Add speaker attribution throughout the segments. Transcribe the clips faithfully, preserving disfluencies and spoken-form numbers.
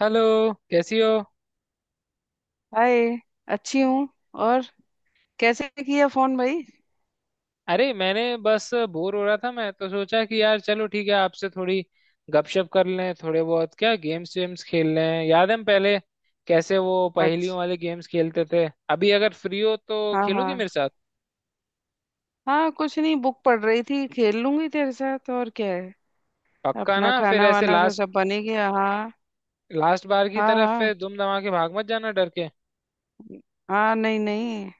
Speaker 1: Hello. कैसी हो?
Speaker 2: Hi. अच्छी हूँ। और कैसे किया फोन भाई?
Speaker 1: अरे मैंने बस बोर हो रहा था, मैं तो सोचा कि यार चलो ठीक है आपसे थोड़ी गपशप कर लें, थोड़े बहुत क्या गेम्स वेम्स खेल लें। याद है हम पहले कैसे वो पहेलियों
Speaker 2: अच्छा।
Speaker 1: वाले गेम्स खेलते थे? अभी अगर फ्री हो तो
Speaker 2: हाँ
Speaker 1: खेलोगी
Speaker 2: हाँ।
Speaker 1: मेरे साथ?
Speaker 2: हाँ, कुछ नहीं, बुक पढ़ रही थी। खेल लूंगी तेरे साथ, और क्या है।
Speaker 1: पक्का
Speaker 2: अपना
Speaker 1: ना? फिर
Speaker 2: खाना
Speaker 1: ऐसे
Speaker 2: वाना तो
Speaker 1: लास्ट
Speaker 2: सब बन ही गया। हाँ।
Speaker 1: लास्ट बार की
Speaker 2: हाँ
Speaker 1: तरफ
Speaker 2: हाँ।
Speaker 1: फिर दुम दमा के भाग मत जाना डर के।
Speaker 2: हाँ, नहीं नहीं।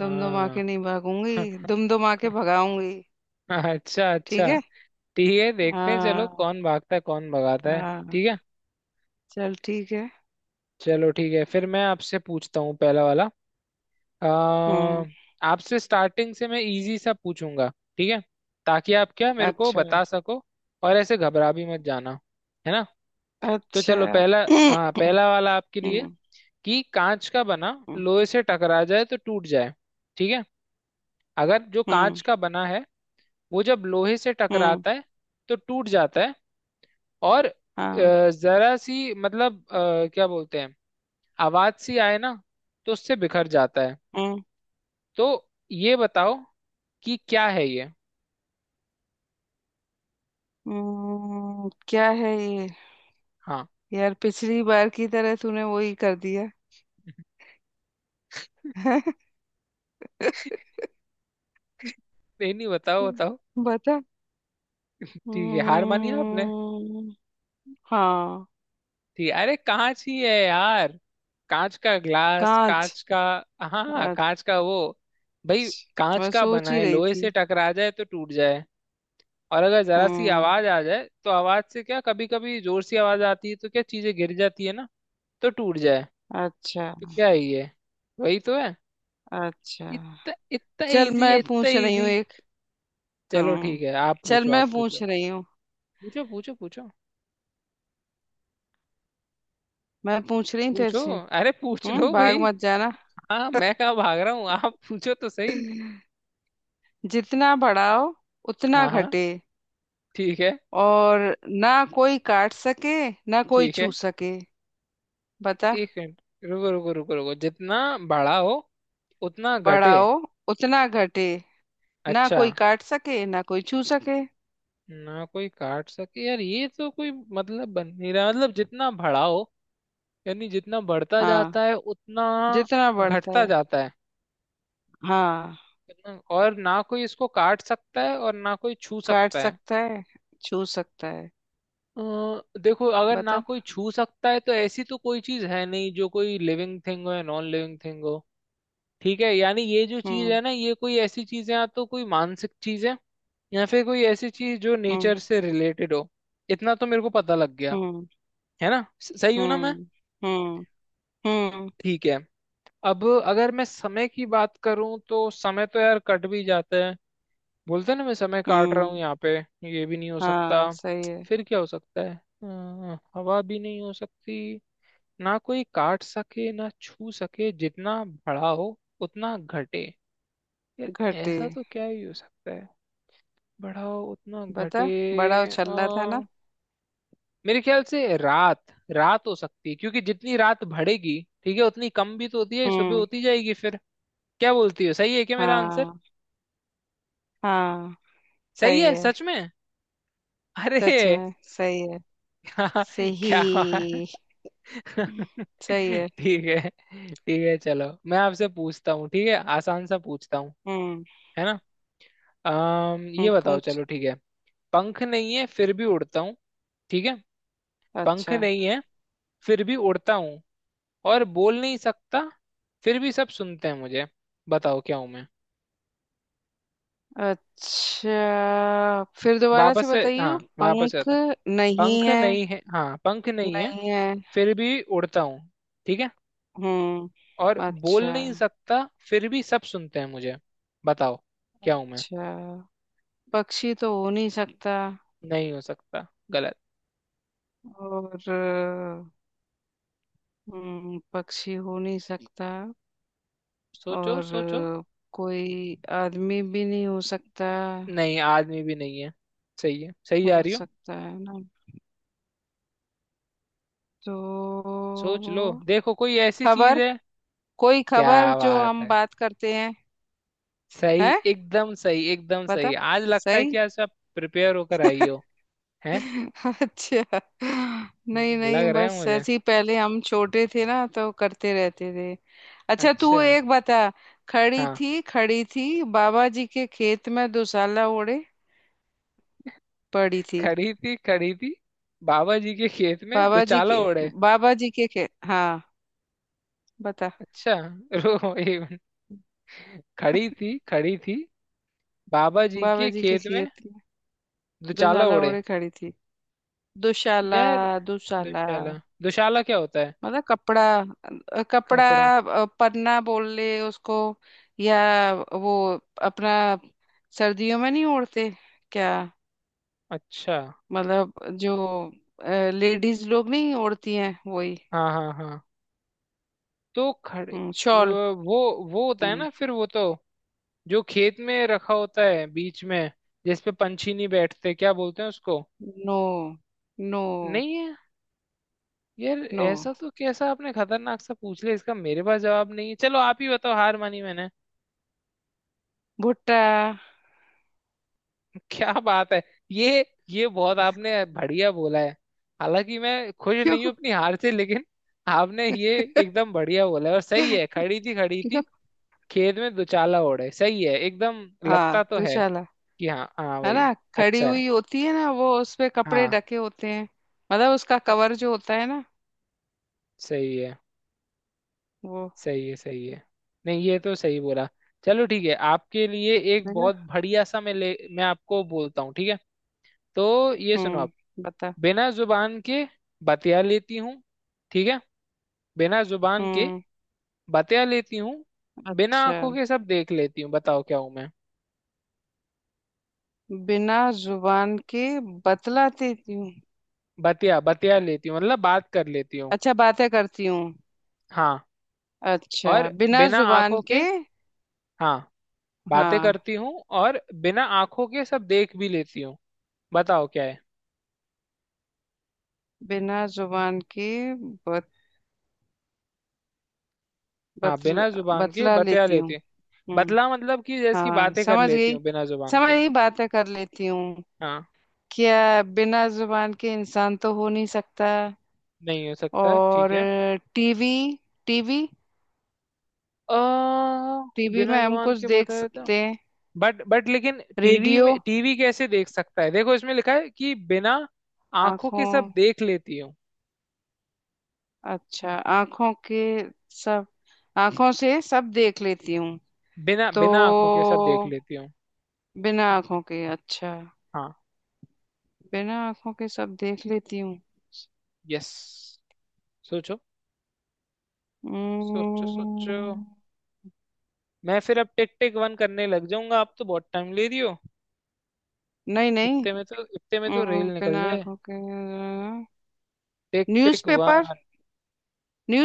Speaker 2: दुम दुम
Speaker 1: हाँ।
Speaker 2: आके नहीं भागूंगी। दुम दुम आके भगाऊंगी।
Speaker 1: अच्छा अच्छा।
Speaker 2: ठीक है।
Speaker 1: ठीक है देखते हैं, चलो
Speaker 2: हाँ
Speaker 1: कौन भागता है कौन भगाता है।
Speaker 2: हाँ।
Speaker 1: ठीक है
Speaker 2: चल ठीक है।
Speaker 1: चलो ठीक है, फिर मैं आपसे पूछता हूँ पहला वाला। अ,
Speaker 2: हम्म।
Speaker 1: आपसे स्टार्टिंग से मैं इजी सा पूछूंगा, ठीक है, ताकि आप क्या मेरे को
Speaker 2: अच्छा।
Speaker 1: बता सको, और ऐसे घबरा भी मत जाना, है ना? तो
Speaker 2: अच्छा।
Speaker 1: चलो पहला। हाँ पहला वाला आपके लिए
Speaker 2: हम्म।
Speaker 1: कि कांच का बना
Speaker 2: हम्म।
Speaker 1: लोहे से टकरा जाए तो टूट जाए, ठीक है? अगर जो
Speaker 2: हम्म।
Speaker 1: कांच का बना है वो जब लोहे से
Speaker 2: हम्म,
Speaker 1: टकराता है तो टूट जाता है, और
Speaker 2: हाँ।
Speaker 1: अ, जरा सी, मतलब अ, क्या बोलते हैं आवाज सी आए ना, तो उससे बिखर जाता है।
Speaker 2: हम्म।
Speaker 1: तो ये बताओ कि क्या है ये।
Speaker 2: हम्म, क्या है ये?
Speaker 1: हाँ
Speaker 2: यार पिछली बार की तरह तूने वही कर दिया।
Speaker 1: नहीं नहीं, बताओ बताओ।
Speaker 2: बता।
Speaker 1: ठीक है, हार मानी आपने?
Speaker 2: हम्म। हाँ।
Speaker 1: ठीक है, अरे कांच ही है यार, कांच का ग्लास,
Speaker 2: कांच।
Speaker 1: कांच का। हाँ हाँ,
Speaker 2: अच्छा,
Speaker 1: कांच का वो भाई, कांच
Speaker 2: मैं
Speaker 1: का
Speaker 2: सोच
Speaker 1: बना
Speaker 2: ही
Speaker 1: है,
Speaker 2: रही
Speaker 1: लोहे
Speaker 2: थी।
Speaker 1: से टकरा जाए तो टूट जाए, और अगर जरा सी
Speaker 2: हम्म।
Speaker 1: आवाज आ जाए तो आवाज से क्या, कभी कभी जोर से आवाज आती है तो क्या चीजें गिर जाती है ना, तो टूट जाए।
Speaker 2: अच्छा।
Speaker 1: तो क्या ही है, वही तो है।
Speaker 2: अच्छा,
Speaker 1: इतना इतना
Speaker 2: चल
Speaker 1: इजी है,
Speaker 2: मैं
Speaker 1: इतना
Speaker 2: पूछ रही हूँ
Speaker 1: इजी।
Speaker 2: एक।
Speaker 1: चलो
Speaker 2: हाँ,
Speaker 1: ठीक है, आप
Speaker 2: चल
Speaker 1: पूछो
Speaker 2: मैं
Speaker 1: आप
Speaker 2: पूछ
Speaker 1: पूछो।
Speaker 2: रही हूँ।
Speaker 1: पूछो पूछो पूछो
Speaker 2: मैं पूछ रही हूँ तेरे
Speaker 1: पूछो।
Speaker 2: से।
Speaker 1: अरे पूछ
Speaker 2: हम्म,
Speaker 1: लो भाई।
Speaker 2: भाग मत जाना।
Speaker 1: हाँ मैं कहाँ भाग रहा हूँ, आप पूछो तो सही।
Speaker 2: जितना बढ़ाओ उतना
Speaker 1: हाँ हाँ,
Speaker 2: घटे।
Speaker 1: ठीक है
Speaker 2: और ना कोई काट सके ना कोई
Speaker 1: ठीक है।
Speaker 2: छू सके। बता।
Speaker 1: एक मिनट, रुको रुको रुको रुको। जितना बड़ा हो उतना घटे?
Speaker 2: बढ़ाओ उतना घटे। ना
Speaker 1: अच्छा।
Speaker 2: कोई काट सके ना कोई छू सके।
Speaker 1: ना कोई काट सके? यार ये तो कोई मतलब बन नहीं रहा। मतलब जितना बड़ा हो, यानी जितना बढ़ता
Speaker 2: हाँ।
Speaker 1: जाता है उतना
Speaker 2: जितना बढ़ता
Speaker 1: घटता
Speaker 2: है।
Speaker 1: जाता है,
Speaker 2: हाँ।
Speaker 1: कितना- और ना कोई इसको काट सकता है और ना कोई छू
Speaker 2: काट
Speaker 1: सकता है।
Speaker 2: सकता है, छू सकता है।
Speaker 1: अ, देखो अगर ना
Speaker 2: बता।
Speaker 1: कोई छू सकता है तो ऐसी तो कोई चीज है नहीं जो कोई लिविंग थिंग हो या नॉन लिविंग थिंग हो, ठीक है? यानी ये जो चीज
Speaker 2: हम्म।
Speaker 1: है ना, ये कोई ऐसी चीज है, या तो कोई मानसिक चीज है या फिर कोई ऐसी चीज जो
Speaker 2: हम्म।
Speaker 1: नेचर से रिलेटेड हो। इतना तो मेरे को पता लग गया
Speaker 2: हम्म।
Speaker 1: है ना। स- सही हूं ना मैं?
Speaker 2: हम्म। हम्म। हम्म।
Speaker 1: ठीक है। अब अगर मैं समय की बात करूं तो समय तो यार कट भी जाता है, बोलते हैं ना मैं समय काट रहा हूँ
Speaker 2: हम्म।
Speaker 1: यहाँ पे, ये भी नहीं हो सकता।
Speaker 2: हाँ सही है।
Speaker 1: फिर क्या हो सकता है? अ, हवा भी नहीं हो सकती। ना कोई काट सके ना छू सके, जितना बढ़ा हो उतना घटे। यार
Speaker 2: घटे।
Speaker 1: ऐसा तो क्या ही हो सकता है? बढ़ाओ उतना
Speaker 2: बता। बड़ा
Speaker 1: घटे।
Speaker 2: उछल्ला था
Speaker 1: आ,
Speaker 2: ना।
Speaker 1: मेरे ख्याल से रात रात हो सकती है, क्योंकि जितनी रात बढ़ेगी ठीक है उतनी कम भी तो होती है, सुबह
Speaker 2: हम्म।
Speaker 1: होती जाएगी फिर। क्या बोलती हो, सही है क्या मेरा आंसर?
Speaker 2: हाँ। हाँ,
Speaker 1: सही
Speaker 2: सही
Speaker 1: है
Speaker 2: है।
Speaker 1: सच में? अरे
Speaker 2: सच में सही है।
Speaker 1: क्या क्या बात।
Speaker 2: सही। सही है।
Speaker 1: ठीक है ठीक है, चलो मैं आपसे पूछता हूँ, ठीक है, आसान सा पूछता हूँ,
Speaker 2: हम्म।
Speaker 1: है ना? अम ये
Speaker 2: हम्म,
Speaker 1: बताओ,
Speaker 2: पूछ।
Speaker 1: चलो ठीक है। पंख नहीं है फिर भी उड़ता हूँ, ठीक है? पंख
Speaker 2: अच्छा।
Speaker 1: नहीं है फिर भी उड़ता हूँ, और बोल नहीं सकता फिर भी सब सुनते हैं मुझे। बताओ क्या हूं मैं।
Speaker 2: अच्छा, फिर दोबारा से
Speaker 1: वापस से?
Speaker 2: बताइए।
Speaker 1: हाँ वापस से
Speaker 2: पंख
Speaker 1: आता।
Speaker 2: नहीं
Speaker 1: पंख
Speaker 2: है।
Speaker 1: नहीं है, हाँ, पंख नहीं है
Speaker 2: नहीं है।
Speaker 1: फिर भी उड़ता हूँ, ठीक है, और
Speaker 2: हम्म, अच्छा।
Speaker 1: बोल नहीं सकता फिर भी सब सुनते हैं मुझे। बताओ क्या हूं मैं।
Speaker 2: अच्छा, पक्षी तो हो नहीं सकता।
Speaker 1: नहीं हो सकता, गलत।
Speaker 2: और हम्म, पक्षी हो नहीं सकता।
Speaker 1: सोचो
Speaker 2: और
Speaker 1: सोचो।
Speaker 2: कोई आदमी भी नहीं हो सकता।
Speaker 1: नहीं आदमी भी नहीं है, सही है, सही जा
Speaker 2: हो
Speaker 1: रही हो।
Speaker 2: सकता है ना? तो
Speaker 1: सोच लो देखो, कोई ऐसी चीज
Speaker 2: खबर।
Speaker 1: है।
Speaker 2: कोई
Speaker 1: क्या
Speaker 2: खबर जो
Speaker 1: बात
Speaker 2: हम
Speaker 1: है,
Speaker 2: बात करते हैं।
Speaker 1: सही,
Speaker 2: है।
Speaker 1: एकदम सही, एकदम
Speaker 2: बता।
Speaker 1: सही। आज लगता है
Speaker 2: सही।
Speaker 1: कि आज आप प्रिपेयर होकर आई हो, है?
Speaker 2: अच्छा, नहीं नहीं,
Speaker 1: लग रहा है
Speaker 2: बस
Speaker 1: मुझे।
Speaker 2: ऐसे ही पहले हम छोटे थे ना तो करते रहते थे। अच्छा,
Speaker 1: अच्छा।
Speaker 2: तू एक बता। खड़ी
Speaker 1: हाँ
Speaker 2: थी खड़ी थी बाबा जी के खेत में दुशाला ओढ़े पड़ी थी।
Speaker 1: खड़ी थी खड़ी थी बाबा जी के खेत में
Speaker 2: बाबा जी
Speaker 1: दुचाला
Speaker 2: के,
Speaker 1: ओढ़े।
Speaker 2: बाबा जी के खेत, हाँ। बता।
Speaker 1: अच्छा रुको एक मिनट। खड़ी थी खड़ी थी बाबा जी
Speaker 2: बाबा
Speaker 1: के
Speaker 2: जी के
Speaker 1: खेत में
Speaker 2: खेत में
Speaker 1: दुचाला
Speaker 2: दुशाला
Speaker 1: ओढ़े।
Speaker 2: ओढ़े खड़ी थी। दुशाला।
Speaker 1: यार
Speaker 2: दुशाला।
Speaker 1: दुशाला, दुशाला क्या होता है?
Speaker 2: मतलब कपड़ा। अ, कपड़ा।
Speaker 1: कपड़ा,
Speaker 2: अ, पन्ना बोल ले उसको, या वो, अपना सर्दियों में नहीं ओढ़ते क्या?
Speaker 1: अच्छा।
Speaker 2: मतलब जो लेडीज लोग नहीं ओढ़ती हैं, वही।
Speaker 1: हाँ हाँ हाँ। तो खड़े
Speaker 2: हम्म, शॉल।
Speaker 1: वो वो वो होता है
Speaker 2: हम्म।
Speaker 1: ना, फिर वो तो जो खेत में रखा होता है बीच में जिसपे पंछी नहीं बैठते, क्या बोलते हैं उसको?
Speaker 2: नो। नो।
Speaker 1: नहीं है? यार
Speaker 2: नो।
Speaker 1: ऐसा तो कैसा आपने खतरनाक सा पूछ लिया, इसका मेरे पास जवाब नहीं है, चलो आप ही बताओ, हार मानी मैंने।
Speaker 2: भुट्टा।
Speaker 1: क्या बात है, ये ये बहुत आपने बढ़िया बोला है। हालांकि मैं खुश
Speaker 2: क्यों?
Speaker 1: नहीं हूं अपनी हार से, लेकिन आपने ये एकदम बढ़िया बोला है और सही है। खड़ी थी खड़ी
Speaker 2: क्यों?
Speaker 1: थी खेत में दुचाला ओढ़े, सही है एकदम।
Speaker 2: हाँ
Speaker 1: लगता तो है
Speaker 2: दुशाला।
Speaker 1: कि हाँ हाँ
Speaker 2: है ना,
Speaker 1: भाई,
Speaker 2: खड़ी
Speaker 1: अच्छा है,
Speaker 2: हुई होती है ना, वो उस पे कपड़े
Speaker 1: हाँ।
Speaker 2: ढके होते हैं। मतलब उसका कवर जो होता है ना,
Speaker 1: सही है
Speaker 2: वो।
Speaker 1: सही है सही है, नहीं ये तो सही बोला। चलो ठीक है, आपके लिए एक बहुत
Speaker 2: देखा।
Speaker 1: बढ़िया सा मैं ले मैं आपको बोलता हूँ, ठीक है। तो ये सुनो आप।
Speaker 2: हम्म, बता।
Speaker 1: बिना जुबान के बतिया लेती हूँ, ठीक है। बिना जुबान के
Speaker 2: हम्म।
Speaker 1: बतिया लेती हूँ, बिना
Speaker 2: अच्छा।
Speaker 1: आंखों के सब देख लेती हूँ, बताओ क्या हूँ मैं।
Speaker 2: बिना जुबान के बतलाती हूँ।
Speaker 1: बतिया बतिया लेती हूँ मतलब बात कर लेती हूँ,
Speaker 2: अच्छा, बातें करती हूँ।
Speaker 1: हाँ।
Speaker 2: अच्छा,
Speaker 1: और
Speaker 2: बिना
Speaker 1: बिना
Speaker 2: जुबान
Speaker 1: आंखों के,
Speaker 2: के।
Speaker 1: हाँ, बातें
Speaker 2: हाँ।
Speaker 1: करती हूँ, और बिना आंखों के सब देख भी लेती हूँ, बताओ क्या है।
Speaker 2: बिना जुबान के बत,
Speaker 1: हाँ
Speaker 2: बतल,
Speaker 1: बिना जुबान के
Speaker 2: बतला
Speaker 1: बतिया
Speaker 2: लेती हूँ।
Speaker 1: लेती हूँ,
Speaker 2: हम्म।
Speaker 1: बतला मतलब कि जैसे कि
Speaker 2: हाँ
Speaker 1: बातें कर
Speaker 2: समझ
Speaker 1: लेती
Speaker 2: गई।
Speaker 1: हूँ बिना जुबान
Speaker 2: समझ
Speaker 1: के।
Speaker 2: गई, बातें कर लेती हूँ।
Speaker 1: हाँ
Speaker 2: क्या बिना जुबान के इंसान तो हो नहीं सकता।
Speaker 1: नहीं हो सकता, ठीक
Speaker 2: और
Speaker 1: है।
Speaker 2: TV, TV.
Speaker 1: आ,
Speaker 2: टीवी
Speaker 1: बिना
Speaker 2: में हम
Speaker 1: जुबान
Speaker 2: कुछ
Speaker 1: के
Speaker 2: देख
Speaker 1: बताया था।
Speaker 2: सकते हैं।
Speaker 1: बट बट लेकिन टीवी
Speaker 2: रेडियो।
Speaker 1: में, टीवी कैसे देख सकता है? देखो इसमें लिखा है कि बिना आंखों के
Speaker 2: आंखों।
Speaker 1: सब देख लेती हूँ।
Speaker 2: अच्छा आंखों के। सब। आंखों से सब देख लेती हूँ।
Speaker 1: बिना
Speaker 2: तो
Speaker 1: बिना आंखों के सब देख लेती हूँ,
Speaker 2: बिना आंखों के, अच्छा।
Speaker 1: हाँ
Speaker 2: बिना आंखों के सब देख लेती हूँ।
Speaker 1: यस। सोचो सोचो सोचो।
Speaker 2: हम्म,
Speaker 1: मैं फिर अब टिक टिक वन करने लग जाऊंगा, आप तो बहुत टाइम ले रही हो।
Speaker 2: नहीं नहीं।
Speaker 1: इतने में तो इतने में तो
Speaker 2: हम्म,
Speaker 1: रेल
Speaker 2: बिना
Speaker 1: निकल जाए।
Speaker 2: आंखों के।
Speaker 1: Tick tick one.
Speaker 2: न्यूज़पेपर।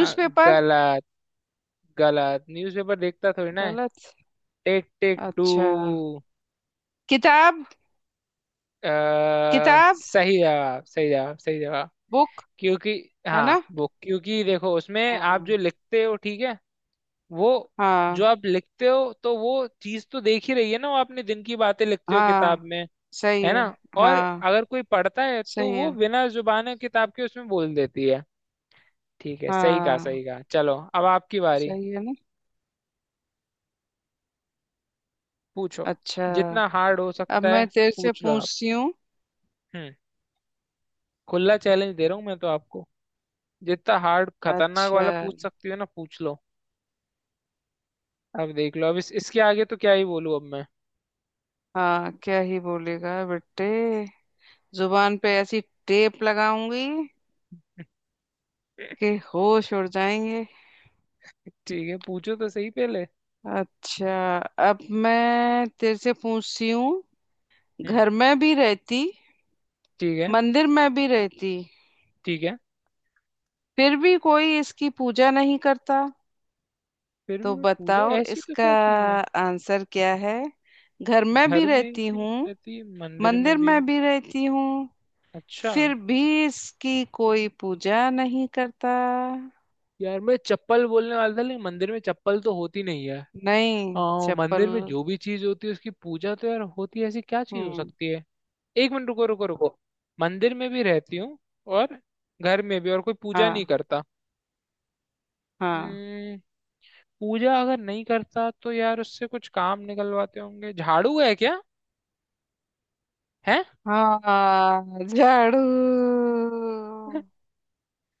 Speaker 1: हाँ गलत, गलत, न्यूज़पेपर देखता थोड़ी ना है।
Speaker 2: गलत।
Speaker 1: टिक टिक टू।
Speaker 2: अच्छा, किताब।
Speaker 1: अ,
Speaker 2: किताब।
Speaker 1: सही जवाब सही जवाब सही जवाब।
Speaker 2: बुक।
Speaker 1: क्योंकि,
Speaker 2: है ना?
Speaker 1: हाँ वो, क्योंकि देखो उसमें आप
Speaker 2: हाँ।
Speaker 1: जो लिखते हो, ठीक है, वो जो
Speaker 2: हाँ।
Speaker 1: आप लिखते हो तो वो चीज तो देख ही रही है ना, वो आपने दिन की बातें लिखते हो किताब
Speaker 2: हाँ।
Speaker 1: में,
Speaker 2: सही
Speaker 1: है
Speaker 2: है।
Speaker 1: ना, और
Speaker 2: हाँ।
Speaker 1: अगर कोई पढ़ता है तो
Speaker 2: सही
Speaker 1: वो
Speaker 2: है।
Speaker 1: बिना जुबान किताब के उसमें बोल देती है, ठीक है, सही कहा
Speaker 2: हाँ।
Speaker 1: सही कहा। चलो अब आपकी बारी,
Speaker 2: सही है ना।
Speaker 1: पूछो
Speaker 2: अच्छा,
Speaker 1: जितना हार्ड हो
Speaker 2: अब
Speaker 1: सकता है,
Speaker 2: मैं तेरे से
Speaker 1: पूछ लो आप।
Speaker 2: पूछती हूँ।
Speaker 1: हम्म। खुला चैलेंज दे रहा हूँ मैं तो आपको, जितना हार्ड खतरनाक वाला
Speaker 2: अच्छा।
Speaker 1: पूछ सकती हो ना पूछ लो। अब देख लो अब इस, इसके आगे तो क्या ही बोलूं अब मैं।
Speaker 2: हाँ, क्या ही बोलेगा बेटे। जुबान पे ऐसी टेप लगाऊंगी कि होश उड़ जाएंगे।
Speaker 1: ठीक है, पूछो तो सही पहले।
Speaker 2: अच्छा, अब मैं तेरे से पूछती हूँ।
Speaker 1: हम्म।
Speaker 2: घर में भी रहती,
Speaker 1: ठीक है
Speaker 2: मंदिर में भी रहती,
Speaker 1: ठीक है।
Speaker 2: फिर भी कोई इसकी पूजा नहीं करता।
Speaker 1: फिर भी
Speaker 2: तो
Speaker 1: वो पूजा,
Speaker 2: बताओ
Speaker 1: ऐसी तो
Speaker 2: इसका
Speaker 1: क्या चीज है?
Speaker 2: आंसर क्या है। घर में भी
Speaker 1: घर में
Speaker 2: रहती
Speaker 1: भी
Speaker 2: हूँ,
Speaker 1: रहती है, मंदिर में
Speaker 2: मंदिर
Speaker 1: भी,
Speaker 2: में भी रहती हूँ,
Speaker 1: अच्छा।
Speaker 2: फिर भी इसकी कोई पूजा नहीं करता।
Speaker 1: यार मैं चप्पल बोलने वाला था, लेकिन मंदिर में चप्पल तो होती नहीं है।
Speaker 2: नहीं
Speaker 1: आ,
Speaker 2: चप्पल।
Speaker 1: मंदिर में जो भी चीज होती है उसकी पूजा तो यार होती है, ऐसी क्या चीज हो
Speaker 2: हम्म।
Speaker 1: सकती है? एक मिनट रुको रुको रुको। मंदिर में भी रहती हूँ और घर में भी, और कोई पूजा नहीं
Speaker 2: हाँ
Speaker 1: करता।
Speaker 2: हाँ,
Speaker 1: हम्म। पूजा अगर नहीं करता तो यार उससे कुछ काम निकलवाते होंगे, झाड़ू है क्या? है।
Speaker 2: हाँ झाड़ू।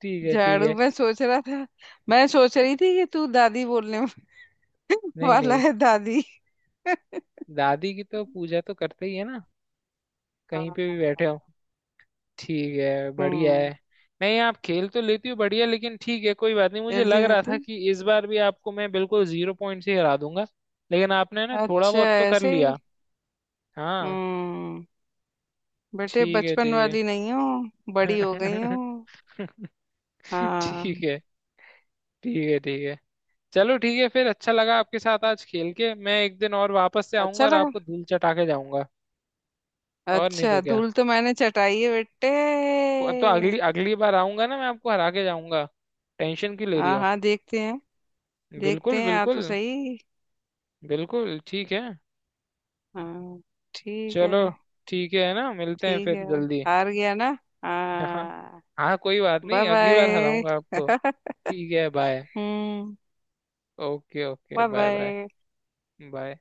Speaker 1: ठीक है ठीक
Speaker 2: झाड़ू,
Speaker 1: है।
Speaker 2: मैं सोच रहा था। मैं सोच रही थी कि तू दादी बोलने
Speaker 1: नहीं
Speaker 2: वाला
Speaker 1: नहीं,
Speaker 2: है, दादी।
Speaker 1: दादी की तो पूजा तो करते ही है ना, कहीं पे भी बैठे हो।
Speaker 2: हाँ।
Speaker 1: ठीक है, बढ़िया है।
Speaker 2: हम्म।
Speaker 1: नहीं आप खेल तो लेती हो बढ़िया, लेकिन ठीक है कोई बात नहीं, मुझे लग
Speaker 2: जल्दी
Speaker 1: रहा
Speaker 2: रहती।
Speaker 1: था कि इस बार भी आपको मैं बिल्कुल जीरो पॉइंट से हरा दूंगा, लेकिन आपने ना थोड़ा
Speaker 2: अच्छा
Speaker 1: बहुत तो कर
Speaker 2: ऐसे ही।
Speaker 1: लिया। हाँ,
Speaker 2: हम्म। बेटे,
Speaker 1: ठीक है
Speaker 2: बचपन
Speaker 1: ठीक
Speaker 2: वाली नहीं हो, बड़ी हो गई
Speaker 1: है।
Speaker 2: हो।
Speaker 1: ठीक
Speaker 2: हाँ।
Speaker 1: है ठीक है ठीक है। चलो ठीक है फिर, अच्छा लगा आपके साथ आज खेल के, मैं एक दिन और वापस से आऊंगा
Speaker 2: अच्छा
Speaker 1: और
Speaker 2: लगा।
Speaker 1: आपको धूल चटा के जाऊंगा। और नहीं तो
Speaker 2: अच्छा,
Speaker 1: क्या,
Speaker 2: धूल तो मैंने चटाई है बेटे।
Speaker 1: तो अगली अगली बार आऊंगा ना, मैं आपको हरा के जाऊंगा, टेंशन क्यों ले रही
Speaker 2: हाँ
Speaker 1: हो?
Speaker 2: हाँ, देखते हैं। देखते
Speaker 1: बिल्कुल
Speaker 2: हैं, आ तो
Speaker 1: बिल्कुल
Speaker 2: सही।
Speaker 1: बिल्कुल ठीक है।
Speaker 2: हाँ। ठीक है।
Speaker 1: चलो ठीक है ना, मिलते हैं
Speaker 2: ठीक
Speaker 1: फिर
Speaker 2: है,
Speaker 1: जल्दी।
Speaker 2: हार गया ना।
Speaker 1: हाँ।
Speaker 2: हाँ।
Speaker 1: हाँ कोई बात
Speaker 2: बाय
Speaker 1: नहीं, अगली बार
Speaker 2: बाय।
Speaker 1: हराऊंगा आपको। ठीक है बाय।
Speaker 2: हम्म।
Speaker 1: Okay okay
Speaker 2: bye
Speaker 1: bye bye
Speaker 2: bye.
Speaker 1: Bye.